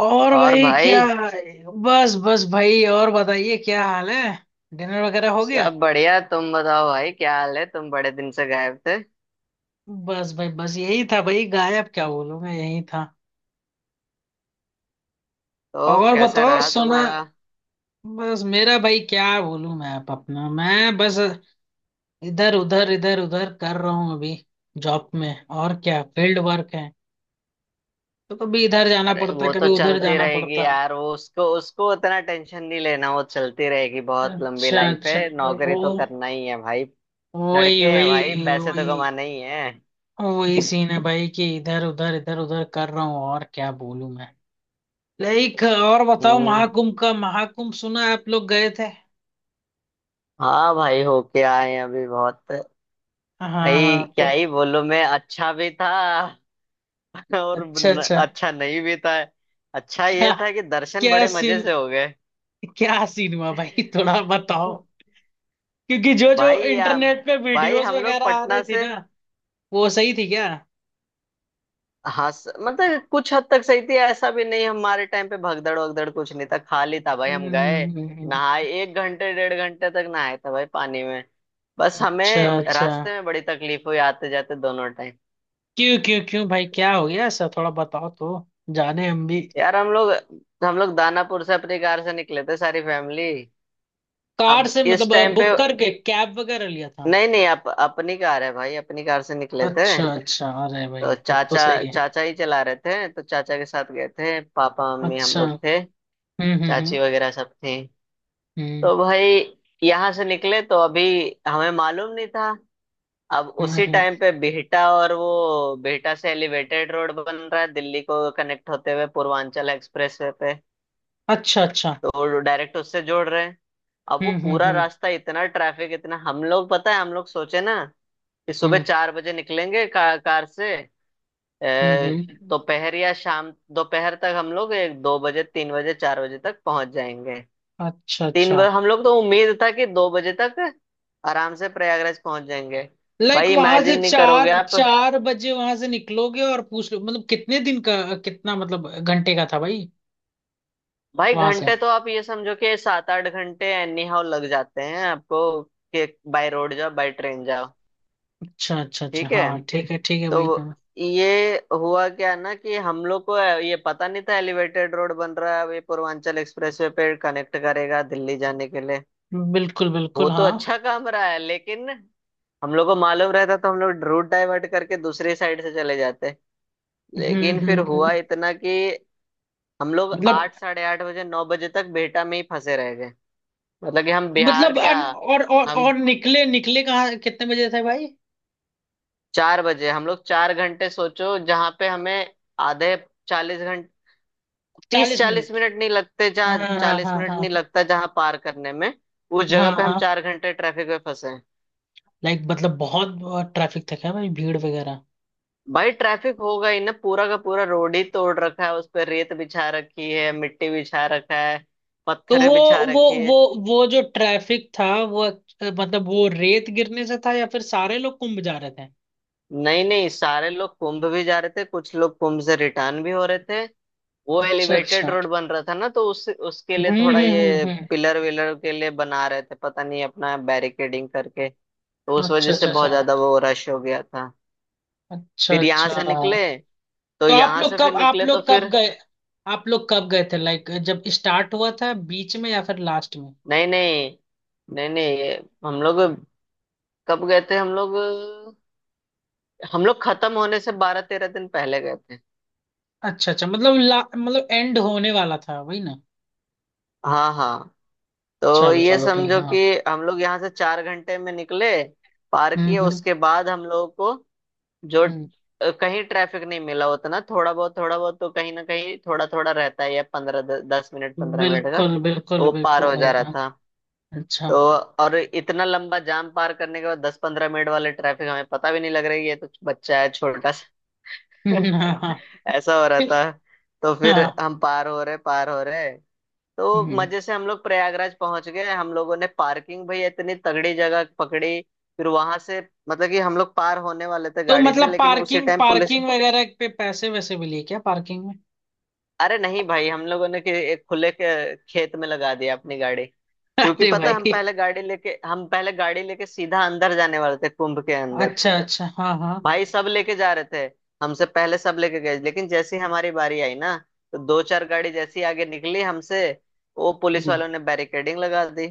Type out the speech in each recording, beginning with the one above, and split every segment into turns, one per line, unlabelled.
और
और
भाई क्या?
भाई
बस बस भाई, और बताइए क्या हाल है। डिनर वगैरह हो गया?
सब बढ़िया। तुम बताओ भाई, क्या हाल है? तुम बड़े दिन से गायब थे।
बस भाई, बस यही था भाई, गायब क्या बोलूं मैं, यही था।
तो
और
कैसा
बताओ,
रहा
सुना।
तुम्हारा?
बस मेरा भाई क्या बोलूं मैं, आप अपना, मैं बस इधर उधर कर रहा हूँ अभी। जॉब में और क्या, फील्ड वर्क है, तो कभी इधर जाना
अरे
पड़ता है,
वो तो
कभी उधर
चलती
जाना
रहेगी
पड़ता है।
यार, वो उसको उसको उतना टेंशन नहीं लेना, वो चलती रहेगी। बहुत लंबी
अच्छा
लाइफ
अच्छा,
है, नौकरी
वो
तो करना ही है भाई।
वही
लड़के हैं भाई,
वही
पैसे तो
वही,
कमाना ही है।
वही सीन है भाई कि इधर उधर कर रहा हूँ, और क्या बोलूं मैं। लाइक और बताओ,
हम्म।
महाकुंभ का, महाकुंभ सुना है, आप लोग गए थे।
हाँ भाई, होके आए हैं अभी। बहुत
हाँ हाँ
भाई
हाँ,
क्या
तो
ही बोलूं मैं, अच्छा भी था और
अच्छा
न,
अच्छा।
अच्छा नहीं भी था। अच्छा
क्या?
ये था कि दर्शन
क्या
बड़े मजे
सीन?
से हो गए।
क्या सीन हुआ भाई थोड़ा बताओ। क्योंकि जो जो
भाई
इंटरनेट पे
भाई
वीडियोस
हम लोग
वगैरह आ रही
पटना
थी
से।
ना, वो सही थी क्या?
हाँ मतलब कुछ हद तक सही थी, ऐसा भी नहीं। हमारे टाइम पे भगदड़ वगदड़ कुछ नहीं था, खाली था भाई।
हम्म
हम गए,
हम्म, हम्म।
नहाए, 1 घंटे 1.5 घंटे तक नहाए था भाई पानी में। बस
अच्छा
हमें
अच्छा।
रास्ते में बड़ी तकलीफ हुई आते जाते दोनों टाइम।
क्यों क्यों क्यों भाई, क्या हो गया ऐसा, थोड़ा बताओ तो, जाने हम भी।
यार हम लोग दानापुर से अपनी कार से निकले थे, सारी फैमिली।
कार
अब
से
इस
मतलब,
टाइम पे,
बुक करके कैब वगैरह लिया था?
नहीं नहीं अपनी कार है भाई, अपनी कार से निकले थे।
अच्छा अच्छा, अरे भाई
तो
तब तो
चाचा
सही है।
चाचा ही चला रहे थे, तो चाचा के साथ गए थे, पापा मम्मी हम
अच्छा।
लोग थे, चाची
हम्म।
वगैरह सब थी।
हम्म
तो भाई यहाँ से निकले तो अभी हमें मालूम नहीं था, अब
हम्म
उसी
हम्म,
टाइम पे बिहटा, और वो बिहटा से एलिवेटेड रोड बन रहा है दिल्ली को कनेक्ट होते हुए पूर्वांचल एक्सप्रेस वे पे।
अच्छा अच्छा।
तो डायरेक्ट उससे जोड़ रहे हैं। अब वो
हम्म हम्म
पूरा
हम्म
रास्ता इतना ट्रैफिक, इतना हम लोग पता है, हम लोग सोचे ना कि सुबह
हम्म
चार बजे निकलेंगे कार से। अ,
हम्म हम्म,
दोपहर या शाम, दोपहर तक हम लोग 1 2 बजे 3 बजे 4 बजे तक पहुंच जाएंगे।
अच्छा
तीन
अच्छा।
बजे हम लोग, तो उम्मीद था कि 2 बजे तक आराम से प्रयागराज पहुंच जाएंगे।
लाइक
भाई
वहां
इमेजिन
से
नहीं करोगे
चार
आप।
चार बजे वहां से निकलोगे, और पूछ लो मतलब कितने दिन का, कितना मतलब घंटे का था भाई
भाई
वहां से।
घंटे तो आप ये समझो कि 7 8 घंटे एनी हाउ लग जाते हैं आपको, कि बाय रोड जाओ बाय ट्रेन जाओ।
अच्छा अच्छा अच्छा,
ठीक है,
हाँ ठीक है, ठीक है
तो
भाई, हाँ।
ये हुआ क्या ना, कि हम लोग को ये पता नहीं था एलिवेटेड रोड बन रहा है, अब ये पूर्वांचल एक्सप्रेसवे पे कनेक्ट करेगा दिल्ली जाने के लिए।
बिल्कुल बिल्कुल
वो तो
हाँ।
अच्छा काम रहा है, लेकिन हम लोग को मालूम रहता तो हम लोग रूट डाइवर्ट करके दूसरी साइड से चले जाते।
हम्म
लेकिन फिर
हम्म
हुआ
हम्म।
इतना कि हम लोग
मतलब,
8 साढ़े 8 बजे 9 बजे तक बेहटा में ही फंसे रह गए। मतलब कि हम बिहार
मतलब
क्या, हम
और निकले निकले कहाँ, कितने बजे थे भाई?
4 बजे, हम लोग 4 घंटे, सोचो जहाँ पे हमें आधे 40 घंटे, तीस
चालीस
चालीस
मिनट
मिनट नहीं लगते
हाँ
जहाँ,
हाँ
चालीस
हाँ
मिनट
हाँ
नहीं लगता जहाँ पार करने में, उस
हाँ
जगह पे हम
हाँ।
4 घंटे ट्रैफिक में फंसे।
लाइक मतलब बहुत, बहुत ट्रैफिक था क्या भाई, भीड़ वगैरह?
भाई ट्रैफिक होगा ही ना, पूरा का पूरा रोड ही तोड़ रखा है, उस पर रेत बिछा रखी है, मिट्टी बिछा रखा है,
तो
पत्थरे बिछा रखी है।
वो जो ट्रैफिक था, वो मतलब वो रेत गिरने से था, या फिर सारे लोग कुंभ जा रहे थे?
नहीं नहीं सारे लोग कुंभ भी जा रहे थे, कुछ लोग कुंभ से रिटर्न भी हो रहे थे। वो
अच्छा
एलिवेटेड
अच्छा।
रोड बन रहा था ना, तो उस उसके लिए
हम्म
थोड़ा
हम्म हम्म
ये
हम्म।
पिलर विलर के लिए बना रहे थे, पता नहीं अपना बैरिकेडिंग करके। तो उस वजह
अच्छा
से
अच्छा
बहुत
अच्छा।
ज्यादा वो रश हो गया था।
अच्छा
फिर यहाँ
अच्छा।
से निकले, तो
तो आप
यहाँ
लोग
से फिर
कब, आप
निकले तो
लोग कब
फिर,
गए, आप लोग कब गए थे, लाइक जब स्टार्ट हुआ था, बीच में, या फिर लास्ट में?
नहीं नहीं नहीं नहीं, ये हम लोग कब गए थे, हम लोग खत्म होने से 12 13 दिन पहले गए थे।
अच्छा अच्छा मतलब मतलब एंड होने वाला था वही ना।
हाँ हाँ। तो
चलो
ये
चलो ठीक है,
समझो कि
हाँ।
हम लोग यहाँ से 4 घंटे में निकले, पार
हम्म
किए,
हम्म
उसके बाद हम लोगों को जो
हम्म।
कहीं ट्रैफिक नहीं मिला उतना। थोड़ा बहुत तो कहीं ना कहीं थोड़ा थोड़ा रहता ही है, या पंद्रह 10 मिनट 15 मिनट का,
बिल्कुल
तो
बिल्कुल
वो पार
बिल्कुल
हो जा रहा
भैया।
था।
अच्छा।
तो और इतना लंबा जाम पार करने के बाद 10 15 मिनट वाले ट्रैफिक हमें पता भी नहीं लग रही है, ये तो बच्चा है छोटा सा
हाँ
ऐसा हो रहा था। तो फिर
हाँ,
हम पार हो रहे पार हो रहे, तो
हम्म।
मजे से हम लोग प्रयागराज पहुंच गए। हम लोगों ने पार्किंग भैया इतनी तगड़ी जगह पकड़ी। फिर वहां से, मतलब कि हम लोग पार होने वाले थे
तो
गाड़ी से,
मतलब
लेकिन उसी
पार्किंग,
टाइम पुलिस।
पार्किंग वगैरह पे पैसे वैसे भी लिए क्या पार्किंग में?
अरे नहीं भाई, हम लोगों ने कि एक खुले के खेत में लगा दिया अपनी गाड़ी। क्योंकि
अरे
पता है
भाई।
हम पहले गाड़ी लेके सीधा अंदर जाने वाले थे कुंभ के अंदर।
अच्छा अच्छा, हाँ हाँ।
भाई सब लेके जा रहे थे, हमसे पहले सब लेके गए, लेकिन जैसे ही हमारी बारी आई ना, तो दो चार गाड़ी जैसी आगे निकली हमसे, वो पुलिस
हम्म।
वालों ने बैरिकेडिंग लगा दी।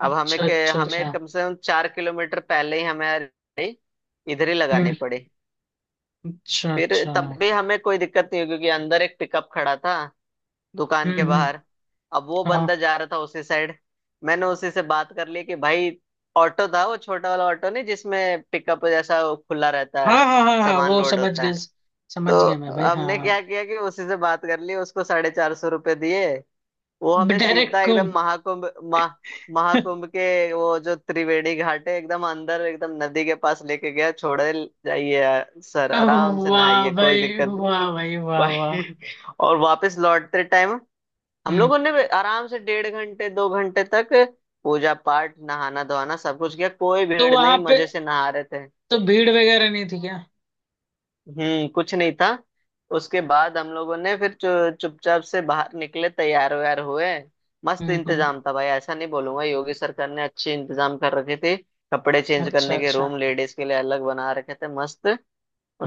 अब हमें
अच्छा
के
अच्छा
हमें
अच्छा।
कम से कम 4 किलोमीटर पहले ही हमें गाड़ी इधर ही लगानी
हम्म।
पड़ी।
अच्छा
फिर
अच्छा।
तब भी हमें कोई दिक्कत नहीं हुई, क्योंकि अंदर एक पिकअप खड़ा था दुकान के
हम्म।
बाहर। अब वो
हाँ
बंदा जा रहा था उसी साइड, मैंने उसी से बात कर ली कि भाई, ऑटो था वो, छोटा वाला ऑटो नहीं, जिसमें पिकअप जैसा वो खुला रहता है,
हाँ हाँ हाँ हाँ,
सामान
वो
लोड
समझ
होता
गए,
है।
समझ गया
तो
मैं भाई,
हमने क्या
हाँ।
किया कि उसी से बात कर ली, उसको ₹450 दिए। वो हमें
डायरेक्ट
सीधा एकदम
कुम
महाकुंभ, महा महाकुंभ के वो जो त्रिवेणी घाट है, एकदम अंदर एकदम नदी के पास लेके गया, छोड़े। जाइए यार, सर आराम से
वाह
नहाइए, कोई
भाई,
दिक्कत नहीं।
वाह भाई, वाह वाह।
भाई, और वापस लौटते टाइम हम
हम्म।
लोगों ने भी आराम से 1.5 घंटे 2 घंटे तक पूजा पाठ नहाना धोना सब कुछ किया, कोई
तो
भीड़ नहीं,
वहां पे,
मजे से नहा रहे थे।
तो भीड़ वगैरह नहीं थी क्या?
हम्म, कुछ नहीं था। उसके बाद हम लोगों ने फिर चुपचाप से बाहर निकले, तैयार वैयार हुए, मस्त
हम्म।
इंतजाम था भाई, ऐसा नहीं बोलूंगा, योगी सरकार ने अच्छे इंतजाम कर रखे थे। कपड़े चेंज
अच्छा
करने के
अच्छा।
रूम लेडीज के लिए अलग बना रखे थे मस्त,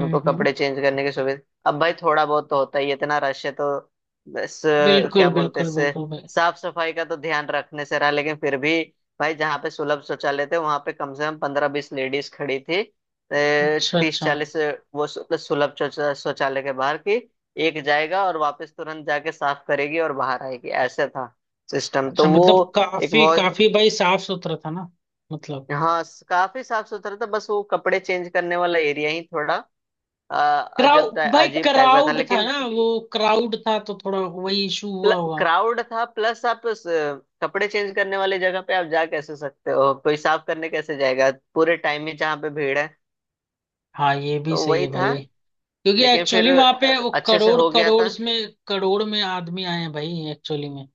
हम्म।
कपड़े चेंज करने की सुविधा। अब भाई थोड़ा बहुत तो होता ही है, इतना रश है तो। बस क्या
बिल्कुल
बोलते हैं,
बिल्कुल
इससे
बिल्कुल भाई।
साफ सफाई का तो ध्यान रखने से रहा, लेकिन फिर भी भाई जहाँ पे सुलभ शौचालय थे, वहां पे कम से कम 15 20 लेडीज खड़ी थी,
अच्छा
तीस
अच्छा
चालीस वो सुलभ शौचालय के बाहर की, एक जाएगा और वापस तुरंत जाके साफ करेगी और बाहर आएगी, ऐसे था सिस्टम
अच्छा,
तो वो।
मतलब
एक
काफी
बहुत,
काफी भाई साफ सुथरा था ना, मतलब?
हाँ काफी साफ सुथरा था। बस वो कपड़े चेंज करने वाला एरिया ही थोड़ा अजब
क्राउड
टाइप
भाई,
अजीब टाइप का था,
क्राउड था
लेकिन
ना वो? क्राउड था तो थोड़ा वही इशू हुआ हुआ
क्राउड था, प्लस आप कपड़े चेंज करने वाली जगह पे आप जा कैसे सकते हो, कोई साफ करने कैसे जाएगा पूरे टाइम ही जहाँ पे भीड़ है।
हाँ ये भी
तो
सही
वही
है
था।
भाई। क्योंकि
लेकिन फिर
एक्चुअली वहां पे वो
अच्छे से
करोड़
हो गया
करोड़
था।
में, करोड़ में आदमी आए हैं भाई एक्चुअली में।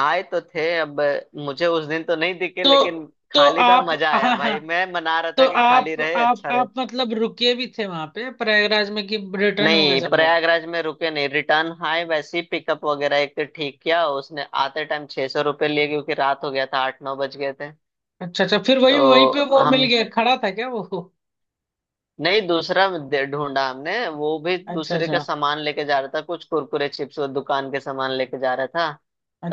आए तो थे, अब मुझे उस दिन तो नहीं दिखे,
तो
लेकिन
तो
खाली था,
आप,
मजा आया
हाँ हाँ।
भाई, मैं मना रहा
तो
था कि खाली रहे अच्छा रहे।
आप मतलब रुके भी थे वहां पे प्रयागराज में, कि रिटर्न हो गए
नहीं
सब लोग?
प्रयागराज में रुके नहीं, रिटर्न आए वैसे ही, पिकअप वगैरह एक तो ठीक किया उसने, आते टाइम ₹600 लिए, क्योंकि रात हो गया था, 8 9 बज गए थे।
अच्छा अच्छा, फिर वही वहीं पे
तो
वो
हम,
मिल गया, खड़ा था क्या वो?
नहीं दूसरा ढूंढा हमने, वो भी
अच्छा
दूसरे का
अच्छा
सामान लेके जा रहा था, कुछ कुरकुरे चिप्स और दुकान के सामान लेके जा रहा था।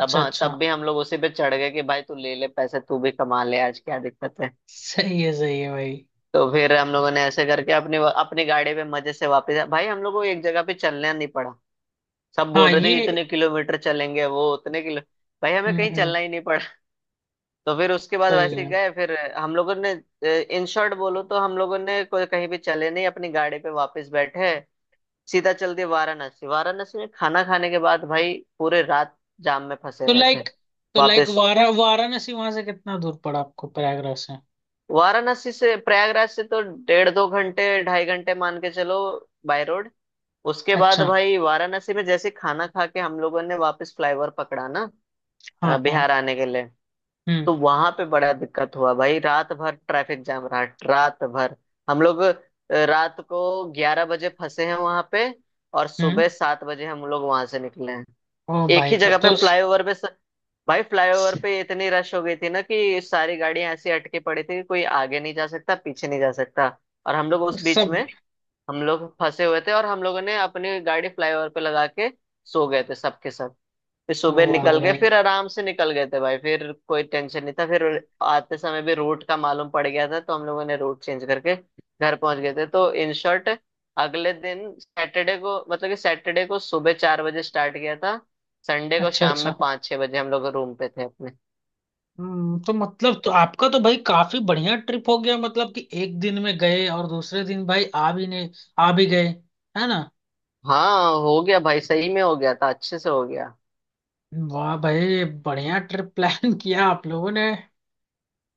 तब हाँ,
अच्छा।
तब भी हम लोग उसी पे चढ़ गए कि भाई तू ले ले पैसे, तू भी कमा ले आज, क्या दिक्कत है।
सही है भाई,
तो फिर हम लोगों ने ऐसे करके अपनी अपनी गाड़ी पे मजे से वापस आए। भाई हम लोग को एक जगह पे चलना नहीं पड़ा। सब
हाँ
बोल रहे थे कि
ये,
इतने किलोमीटर चलेंगे, वो उतने किलो, भाई हमें
हम्म
कहीं
हम्म,
चलना ही नहीं। तो फिर उसके बाद
सही
वैसे
है।
गए, फिर हम लोगों ने, इन शॉर्ट बोलो तो हम लोगों ने कोई कहीं भी चले नहीं, अपनी गाड़ी पे वापस बैठे सीधा चल दिए वाराणसी। वाराणसी में खाना खाने के बाद भाई पूरे रात जाम में फंसे
तो
रहे थे।
लाइक, तो लाइक
वापस
वाराणसी वहां से कितना दूर पड़ा आपको प्रयागराज से?
वाराणसी से, प्रयागराज से तो 1.5 2 घंटे 2.5 घंटे मान के चलो, बाय रोड। उसके बाद
अच्छा।
भाई वाराणसी में जैसे खाना खा के हम लोगों ने वापस फ्लाईओवर पकड़ा ना
हाँ
बिहार
हाँ।
आने के लिए,
हम्म।
तो वहां पे बड़ा दिक्कत हुआ भाई, रात भर ट्रैफिक जाम रहा, रात भर। हम लोग रात को 11 बजे फंसे हैं वहां पे, और
हम्म।
सुबह 7 बजे हम लोग वहां से निकले हैं,
ओ
एक
भाई
ही
तब
जगह पे
तो
फ्लाईओवर पे भाई फ्लाईओवर
स-
पे इतनी रश हो गई थी ना कि सारी गाड़ियां ऐसी अटके पड़ी थी कि कोई आगे नहीं जा सकता पीछे नहीं जा सकता। और हम लोग उस बीच में,
सब,
हम लोग फंसे हुए थे और हम लोगों ने अपनी गाड़ी फ्लाईओवर पे लगा के सो गए थे सबके सब। फिर सुबह
वाह
निकल गए,
भाई।
फिर आराम से निकल गए थे भाई, फिर कोई टेंशन नहीं था फिर। आते समय भी रूट का मालूम पड़ गया था, तो हम लोगों ने रूट चेंज करके घर पहुंच गए थे। तो इन शॉर्ट अगले दिन सैटरडे को, मतलब कि सैटरडे को सुबह 4 बजे स्टार्ट किया था, संडे को
अच्छा
शाम में
अच्छा।
5 6 बजे हम लोग रूम पे थे अपने।
हम्म, तो मतलब तो आपका तो भाई काफी बढ़िया ट्रिप हो गया, मतलब कि एक दिन में गए और दूसरे दिन भाई आ भी नहीं, आ भी गए, है ना?
हाँ हो गया भाई, सही में हो गया था, अच्छे से हो गया।
वाह भाई, बढ़िया ट्रिप प्लान किया आप लोगों ने,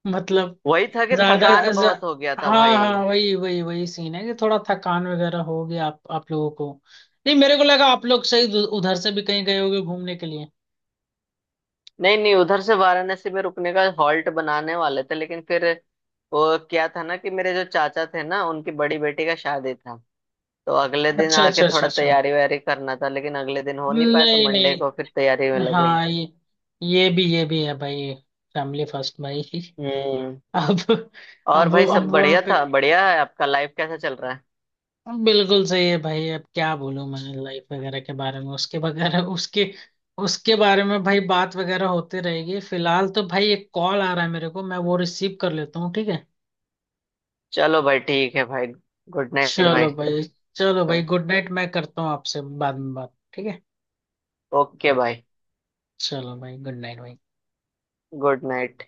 मतलब।
वही था
नहीं
कि
ज्यादा पहले
थकान
खुद।
बहुत हो गया था
हाँ
भाई।
हाँ, वही वही वही सीन है, कि थोड़ा थकान वगैरह हो गया आप लोगों को। नहीं मेरे को लगा आप लोग सही उधर से भी कहीं गए होगे घूमने के लिए।
नहीं नहीं, उधर से वाराणसी में रुकने का हॉल्ट बनाने वाले थे, लेकिन फिर वो क्या था ना कि मेरे जो चाचा थे ना, उनकी बड़ी बेटी का शादी था, तो अगले दिन
अच्छा
आके
अच्छा अच्छा
थोड़ा
अच्छा,
तैयारी वैयारी करना था, लेकिन अगले दिन हो नहीं पाया, तो
नहीं
मंडे को
नहीं,
फिर तैयारी में लगे।
हाँ ये, ये भी है भाई। फैमिली फर्स्ट भाई
हम्म।
अब
और भाई सब
अब वहाँ
बढ़िया
पे
था, बढ़िया है आपका, लाइफ कैसा चल रहा है?
बिल्कुल सही है भाई, अब क्या बोलूं मैं लाइफ वगैरह के बारे में, उसके वगैरह, उसके उसके बारे में भाई, बात वगैरह होती रहेगी। फिलहाल तो भाई एक कॉल आ रहा है मेरे को, मैं वो रिसीव कर लेता हूँ, ठीक है?
चलो भाई ठीक है भाई, गुड नाइट भाई।
चलो भाई। चलो भाई गुड नाइट, मैं करता हूँ आपसे बाद में बात, ठीक है?
ओके भाई,
चलो भाई, गुड नाइट भाई।
Good night.